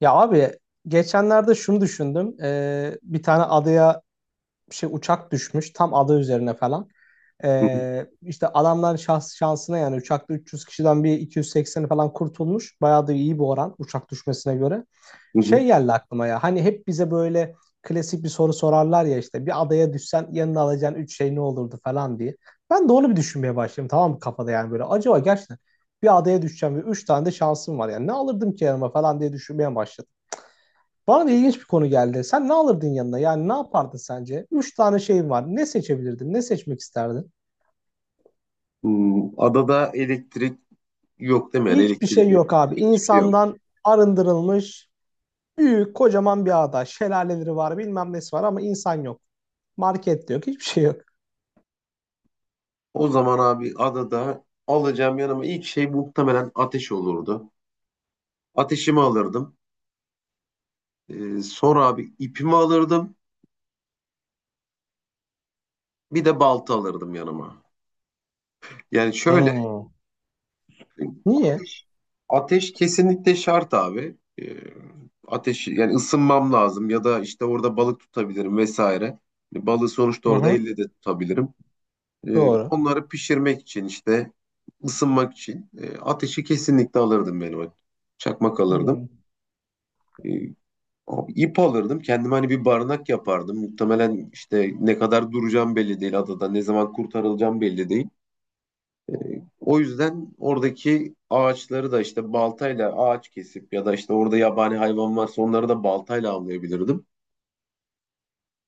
Ya abi geçenlerde şunu düşündüm. Bir tane adaya bir şey uçak düşmüş tam ada üzerine falan. Hı hı, İşte adamların şansına yani uçakta 300 kişiden bir 280'i falan kurtulmuş. Bayağı da iyi bir oran uçak düşmesine göre. hı hı. Şey geldi aklıma ya hani hep bize böyle klasik bir soru sorarlar ya işte bir adaya düşsen yanına alacağın 3 şey ne olurdu falan diye. Ben de onu bir düşünmeye başladım tamam mı kafada yani böyle acaba gerçekten bir adaya düşeceğim ve 3 tane de şansım var yani ne alırdım ki yanıma falan diye düşünmeye başladım. Bana da ilginç bir konu geldi. Sen ne alırdın yanına? Yani ne yapardın sence? Üç tane şeyin var. Ne seçebilirdin? Ne seçmek isterdin? Hmm, adada elektrik yok değil mi? Yani Hiçbir elektrik şey yok. yok abi. Hiçbir şey yok. İnsandan arındırılmış büyük kocaman bir ada. Şelaleleri var bilmem nesi var ama insan yok. Market de yok. Hiçbir şey yok. O zaman abi adada alacağım yanıma ilk şey muhtemelen ateş olurdu. Ateşimi alırdım. Sonra abi ipimi alırdım. Bir de balta alırdım yanıma. Yani şöyle Hmm. Niye? ateş, ateş kesinlikle şart abi. Ateş yani ısınmam lazım ya da işte orada balık tutabilirim vesaire. Balığı sonuçta Hı orada hı. elle de tutabilirim. Doğru. Onları pişirmek için işte ısınmak için ateşi kesinlikle alırdım benim. Çakmak alırdım. Hmm. E, Abi ip alırdım. Kendime hani bir barınak yapardım. Muhtemelen işte ne kadar duracağım belli değil adada. Ne zaman kurtarılacağım belli değil. E, O yüzden oradaki ağaçları da işte baltayla ağaç kesip ya da işte orada yabani hayvan varsa onları da baltayla avlayabilirdim.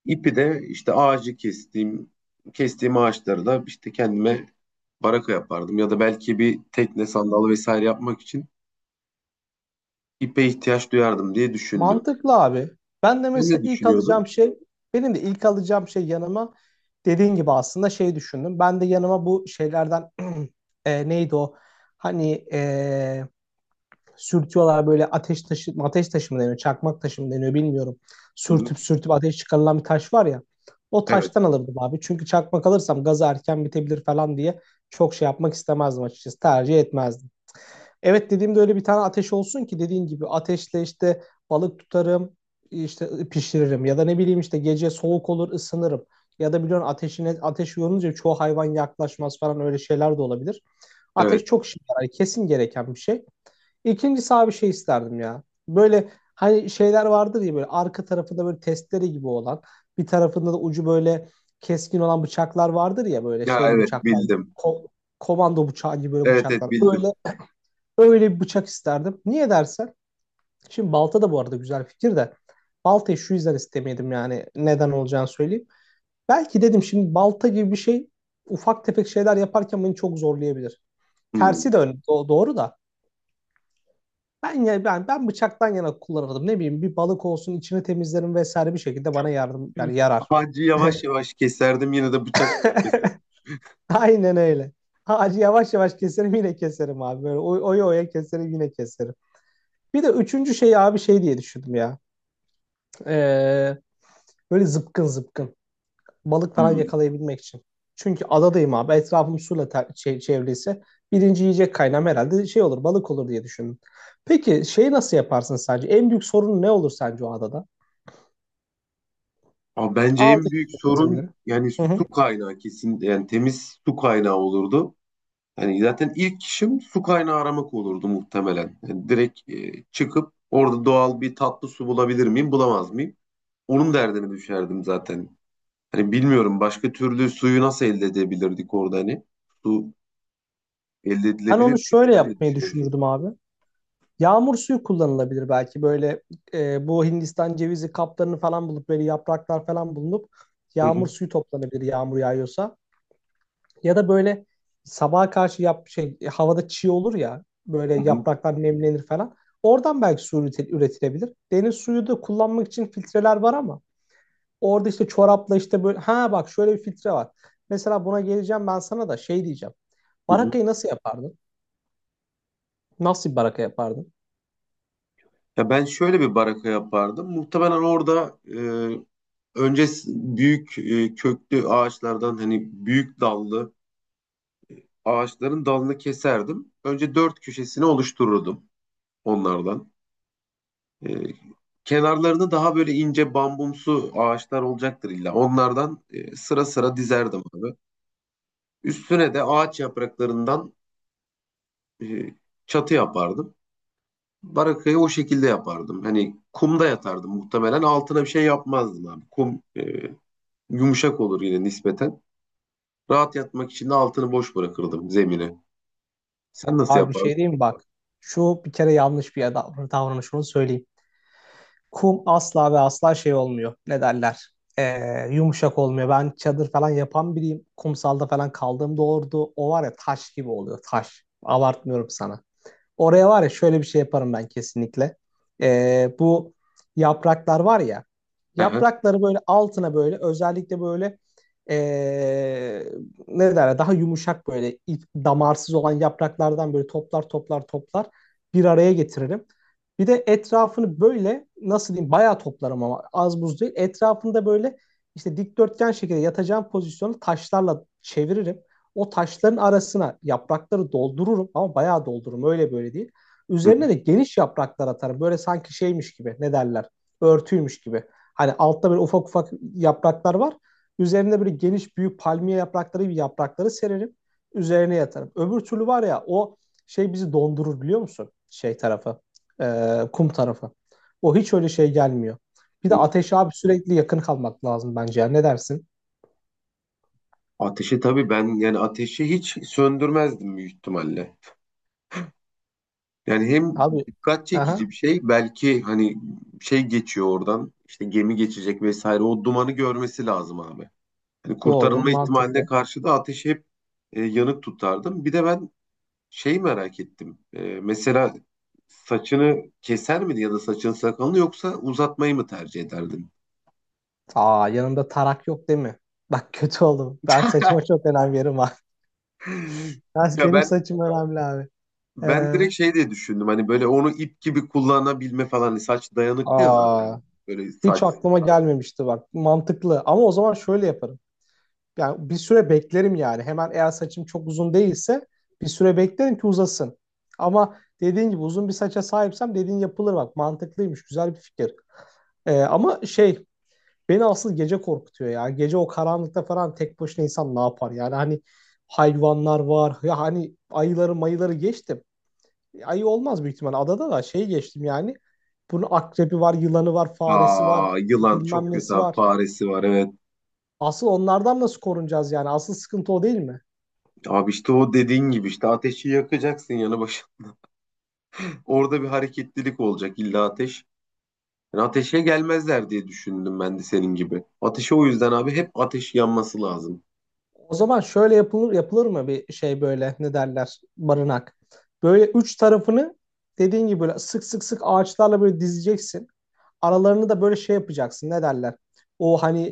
İpi de işte kestiğim ağaçlarla işte kendime baraka yapardım. Ya da belki bir tekne, sandal vesaire yapmak için ipe ihtiyaç duyardım diye düşündüm. Mantıklı abi. Ben de Sen ne mesela ilk düşünüyordun? alacağım şey, benim de ilk alacağım şey yanıma dediğin gibi aslında şey düşündüm. Ben de yanıma bu şeylerden neydi o? Hani sürtüyorlar böyle ateş taşı, ateş taşı mı deniyor, çakmak taşı mı deniyor bilmiyorum. Hı hı. Sürtüp sürtüp ateş çıkarılan bir taş var ya. O Evet, taştan alırdım abi. Çünkü çakmak alırsam gazı erken bitebilir falan diye çok şey yapmak istemezdim açıkçası. Tercih etmezdim. Evet dediğimde öyle bir tane ateş olsun ki dediğin gibi ateşle işte balık tutarım, işte pişiririm ya da ne bileyim işte gece soğuk olur ısınırım. Ya da biliyorsun ateşine ateş yorulunca çoğu hayvan yaklaşmaz falan öyle şeyler de olabilir. evet. Ateş çok işe yarar, kesin gereken bir şey. İkincisi abi şey isterdim ya. Böyle hani şeyler vardır ya böyle arka tarafında böyle testere gibi olan, bir tarafında da ucu böyle keskin olan bıçaklar vardır ya böyle Ya şeyli evet bıçaklar. bildim. Ko- komando bıçağı gibi böyle Evet, evet bıçaklar. bildim. Öyle bir bıçak isterdim. Niye dersen? Şimdi balta da bu arada güzel fikir de. Baltayı şu yüzden istemedim yani. Neden olacağını söyleyeyim. Belki dedim şimdi balta gibi bir şey ufak tefek şeyler yaparken beni çok zorlayabilir. Tersi Hmm. de doğru da. Ben ya ben ben bıçaktan yana kullanırdım. Ne bileyim bir balık olsun içini temizlerim vesaire bir şekilde bana yardım yani yarar. Ağacı yavaş yavaş keserdim yine de bıçak keserdim. Aynen öyle. Ağacı yavaş yavaş keserim yine keserim abi. Böyle oya oya keserim yine keserim. Bir de üçüncü şey abi şey diye düşündüm ya. Ee, Böyle zıpkın zıpkın. Balık falan Hmm. yakalayabilmek için. Çünkü adadayım abi. Etrafım suyla çevriliyse birinci yiyecek kaynağım herhalde şey olur balık olur diye düşündüm. Peki şeyi nasıl yaparsın sence? En büyük sorun ne olur sence o adada? Ama bence en Aldın büyük sorun malzemeleri. yani Hı hı. su kaynağı kesin yani temiz su kaynağı olurdu. Hani zaten ilk işim su kaynağı aramak olurdu muhtemelen. Yani direkt çıkıp orada doğal bir tatlı su bulabilir miyim, bulamaz mıyım? Onun derdine düşerdim zaten. Hani bilmiyorum başka türlü suyu nasıl elde edebilirdik orada hani? Su elde Ben edilebilir onu miydi? şöyle Sen ne yapmayı düşünüyorsun? düşünürdüm abi. Yağmur suyu kullanılabilir belki böyle bu Hindistan cevizi kaplarını falan bulup böyle yapraklar falan bulunup Hı yağmur hı, suyu toplanabilir yağmur yağıyorsa. Ya da böyle sabaha karşı yap şey havada çiğ olur ya böyle hı hı, yapraklar nemlenir falan. Oradan belki su üretilebilir. Deniz suyu da kullanmak için filtreler var ama orada işte çorapla işte böyle ha bak şöyle bir filtre var. Mesela buna geleceğim ben sana da şey diyeceğim. hı hı. Barakayı nasıl yapardın? Nasıl bir baraka yapardın? Ya ben şöyle bir baraka yapardım. Muhtemelen orada önce büyük köklü ağaçlardan hani büyük dallı ağaçların dalını keserdim. Önce dört köşesini oluştururdum onlardan. E, Kenarlarını daha böyle ince bambumsu ağaçlar olacaktır illa. Onlardan sıra sıra dizerdim abi. Üstüne de ağaç yapraklarından e, çatı yapardım. Barakayı o şekilde yapardım. Hani kumda yatardım muhtemelen. Altına bir şey yapmazdım abi. Kum yumuşak olur yine nispeten. Rahat yatmak için de altını boş bırakırdım zemine. Sen nasıl Abi bir yapardın? şey diyeyim mi? Bak. Şu bir kere yanlış bir davranış onu söyleyeyim. Kum asla ve asla şey olmuyor. Ne derler? Yumuşak olmuyor. Ben çadır falan yapan biriyim. Kumsalda falan kaldığımda orada o var ya taş gibi oluyor. Taş. Abartmıyorum sana. Oraya var ya şöyle bir şey yaparım ben kesinlikle. Bu yapraklar var ya. Aha. Yaprakları böyle altına böyle özellikle böyle ee, ne derler daha yumuşak böyle damarsız olan yapraklardan böyle toplar toplar toplar bir araya getiririm. Bir de etrafını böyle nasıl diyeyim bayağı toplarım ama az buz değil. Etrafında böyle işte dikdörtgen şekilde yatacağım pozisyonu taşlarla çeviririm. O taşların arasına yaprakları doldururum ama bayağı doldururum öyle böyle değil. Hı hı. Üzerine de geniş yapraklar atarım. Böyle sanki şeymiş gibi ne derler örtüymüş gibi. Hani altta böyle ufak ufak yapraklar var. Üzerine böyle geniş büyük palmiye yaprakları gibi yaprakları sererim. Üzerine yatarım. Öbür türlü var ya o şey bizi dondurur biliyor musun? Şey tarafı. Kum tarafı. O hiç öyle şey gelmiyor. Bir de Hı. ateşe abi sürekli yakın kalmak lazım bence ya. Ne dersin? Ateşi tabii ben yani ateşi hiç söndürmezdim büyük ihtimalle. Yani hem Abi dikkat çekici aha, bir şey belki hani şey geçiyor oradan işte gemi geçecek vesaire o dumanı görmesi lazım abi. Hani doğru kurtarılma ihtimaline mantıklı. karşı da ateşi hep yanık tutardım. Bir de ben şey merak ettim. Mesela saçını keser miydin ya da saçın sakalını yoksa uzatmayı mı tercih ederdin? Aa yanımda tarak yok değil mi? Bak kötü oldum. Ben saçıma çok önem veririm abi. Ya Benim ben saçım önemli abi. ben Ee, direkt şey diye düşündüm hani böyle onu ip gibi kullanabilme falan. Hani saç dayanıklı ya aa, zaten, böyle Hiç saç. aklıma gelmemişti bak. Mantıklı. Ama o zaman şöyle yaparım. Yani bir süre beklerim yani. Hemen eğer saçım çok uzun değilse bir süre beklerim ki uzasın. Ama dediğin gibi uzun bir saça sahipsem dediğin yapılır bak. Mantıklıymış. Güzel bir fikir. Ama şey beni asıl gece korkutuyor ya. Gece o karanlıkta falan tek başına insan ne yapar? Yani hani hayvanlar var. Ya hani ayıları mayıları geçtim. Ayı olmaz büyük ihtimal. Adada da şey geçtim yani. Bunun akrebi var, yılanı var, faresi var, Aa, yılan bilmem çok kötü nesi abi. var. Faresi var evet. Asıl onlardan nasıl korunacağız yani? Asıl sıkıntı o değil mi? Abi işte o dediğin gibi işte ateşi yakacaksın yanı başında. Orada bir hareketlilik olacak illa ateş. Yani ateşe gelmezler diye düşündüm ben de senin gibi. Ateşe o yüzden abi hep ateş yanması lazım. O zaman şöyle yapılır yapılır mı bir şey böyle ne derler barınak. Böyle üç tarafını dediğin gibi böyle sık sık sık ağaçlarla böyle dizeceksin. Aralarını da böyle şey yapacaksın ne derler. O hani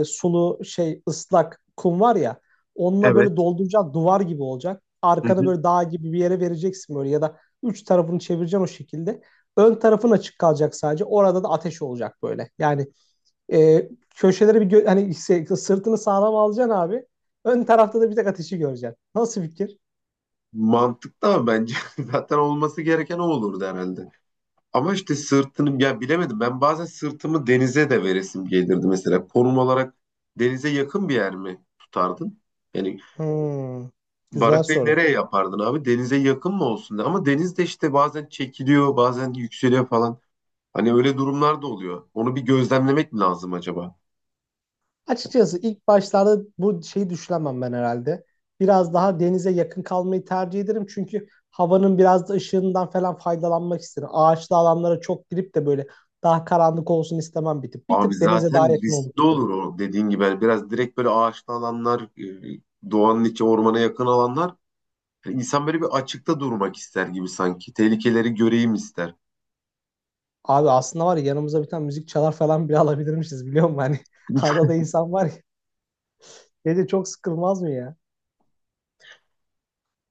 sulu şey ıslak kum var ya onunla böyle Evet. dolduracak duvar gibi olacak. Hı Arkanı hı. böyle dağ gibi bir yere vereceksin böyle ya da üç tarafını çevireceksin o şekilde. Ön tarafın açık kalacak sadece. Orada da ateş olacak böyle. Yani köşeleri bir hani sırtını sağlam alacaksın abi. Ön tarafta da bir tek ateşi göreceksin. Nasıl fikir? Mantıklı ama bence zaten olması gereken o olurdu herhalde. Ama işte sırtını ya bilemedim. Ben bazen sırtımı denize de veresim gelirdi mesela. Konum olarak denize yakın bir yer mi tutardın? Yani Hmm, güzel Barakayı soru. nereye yapardın abi? Denize yakın mı olsun? Ama deniz de işte bazen çekiliyor, bazen yükseliyor falan. Hani öyle durumlar da oluyor. Onu bir gözlemlemek mi lazım acaba? Açıkçası ilk başlarda bu şeyi düşünemem ben herhalde. Biraz daha denize yakın kalmayı tercih ederim. Çünkü havanın biraz da ışığından falan faydalanmak isterim. Ağaçlı alanlara çok girip de böyle daha karanlık olsun istemem bir tık. Bir Abi tık denize daha zaten yakın olmak riskli isterim. olur o dediğin gibi. Yani biraz direkt böyle ağaçlı alanlar, doğanın içi ormana yakın alanlar. Yani İnsan böyle bir açıkta durmak ister gibi sanki. Tehlikeleri göreyim ister. Abi aslında var ya yanımıza bir tane müzik çalar falan bile alabilirmişiz biliyor musun? Hani adada insan var ya. Gece çok sıkılmaz mı ya?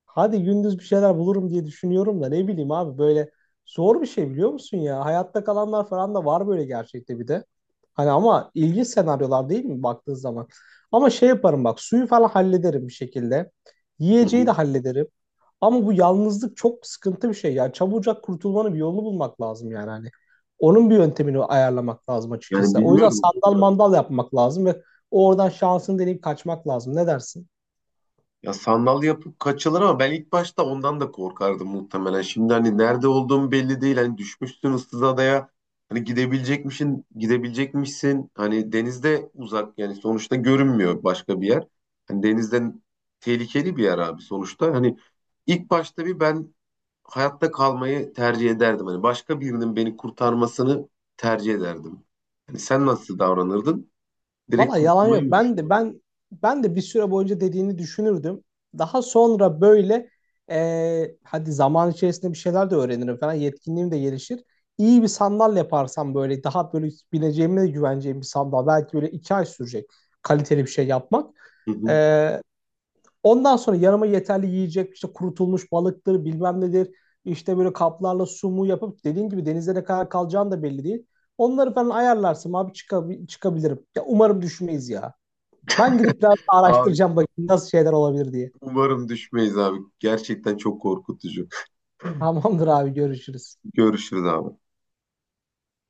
Hadi gündüz bir şeyler bulurum diye düşünüyorum da ne bileyim abi böyle zor bir şey biliyor musun ya? Hayatta kalanlar falan da var böyle gerçekte bir de. Hani ama ilginç senaryolar değil mi baktığın zaman? Ama şey yaparım bak suyu falan hallederim bir şekilde. Hı Yiyeceği hı. de hallederim. Ama bu yalnızlık çok sıkıntı bir şey. Yani çabucak kurtulmanın bir yolunu bulmak lazım yani hani. Onun bir yöntemini ayarlamak lazım Yani açıkçası. O yüzden bilmiyorum. sandal mandal yapmak lazım ve oradan şansını deneyip kaçmak lazım. Ne dersin? Ya sandal yapıp kaçılır ama ben ilk başta ondan da korkardım muhtemelen. Şimdi hani nerede olduğum belli değil. Hani düşmüşsün ıssız adaya. Hani gidebilecekmişsin, gidebilecekmişsin. Hani denizde uzak yani sonuçta görünmüyor başka bir yer. Hani denizden tehlikeli bir yer abi sonuçta. Hani ilk başta bir ben hayatta kalmayı tercih ederdim. Hani başka birinin beni kurtarmasını tercih ederdim. Hani sen nasıl davranırdın? Direkt Valla yalan kurtulmayı yok. mı Ben de düşündün? ben ben de bir süre boyunca dediğini düşünürdüm. Daha sonra böyle hadi zaman içerisinde bir şeyler de öğrenirim falan. Yetkinliğim de gelişir. İyi bir sandal yaparsam böyle daha böyle bineceğime de güveneceğim bir sandal. Belki böyle 2 ay sürecek kaliteli bir şey yapmak. Hı E, hı. Ondan sonra yanıma yeterli yiyecek işte kurutulmuş balıktır bilmem nedir. İşte böyle kaplarla sumu yapıp dediğin gibi denizde ne kadar kalacağım da belli değil. Onları falan ayarlarsın abi çıkabilirim. Ya umarım düşmeyiz ya. Ben gidip biraz Abi araştıracağım bakayım nasıl şeyler olabilir diye. umarım düşmeyiz abi. Gerçekten çok korkutucu. Tamamdır abi görüşürüz. Görüşürüz abi.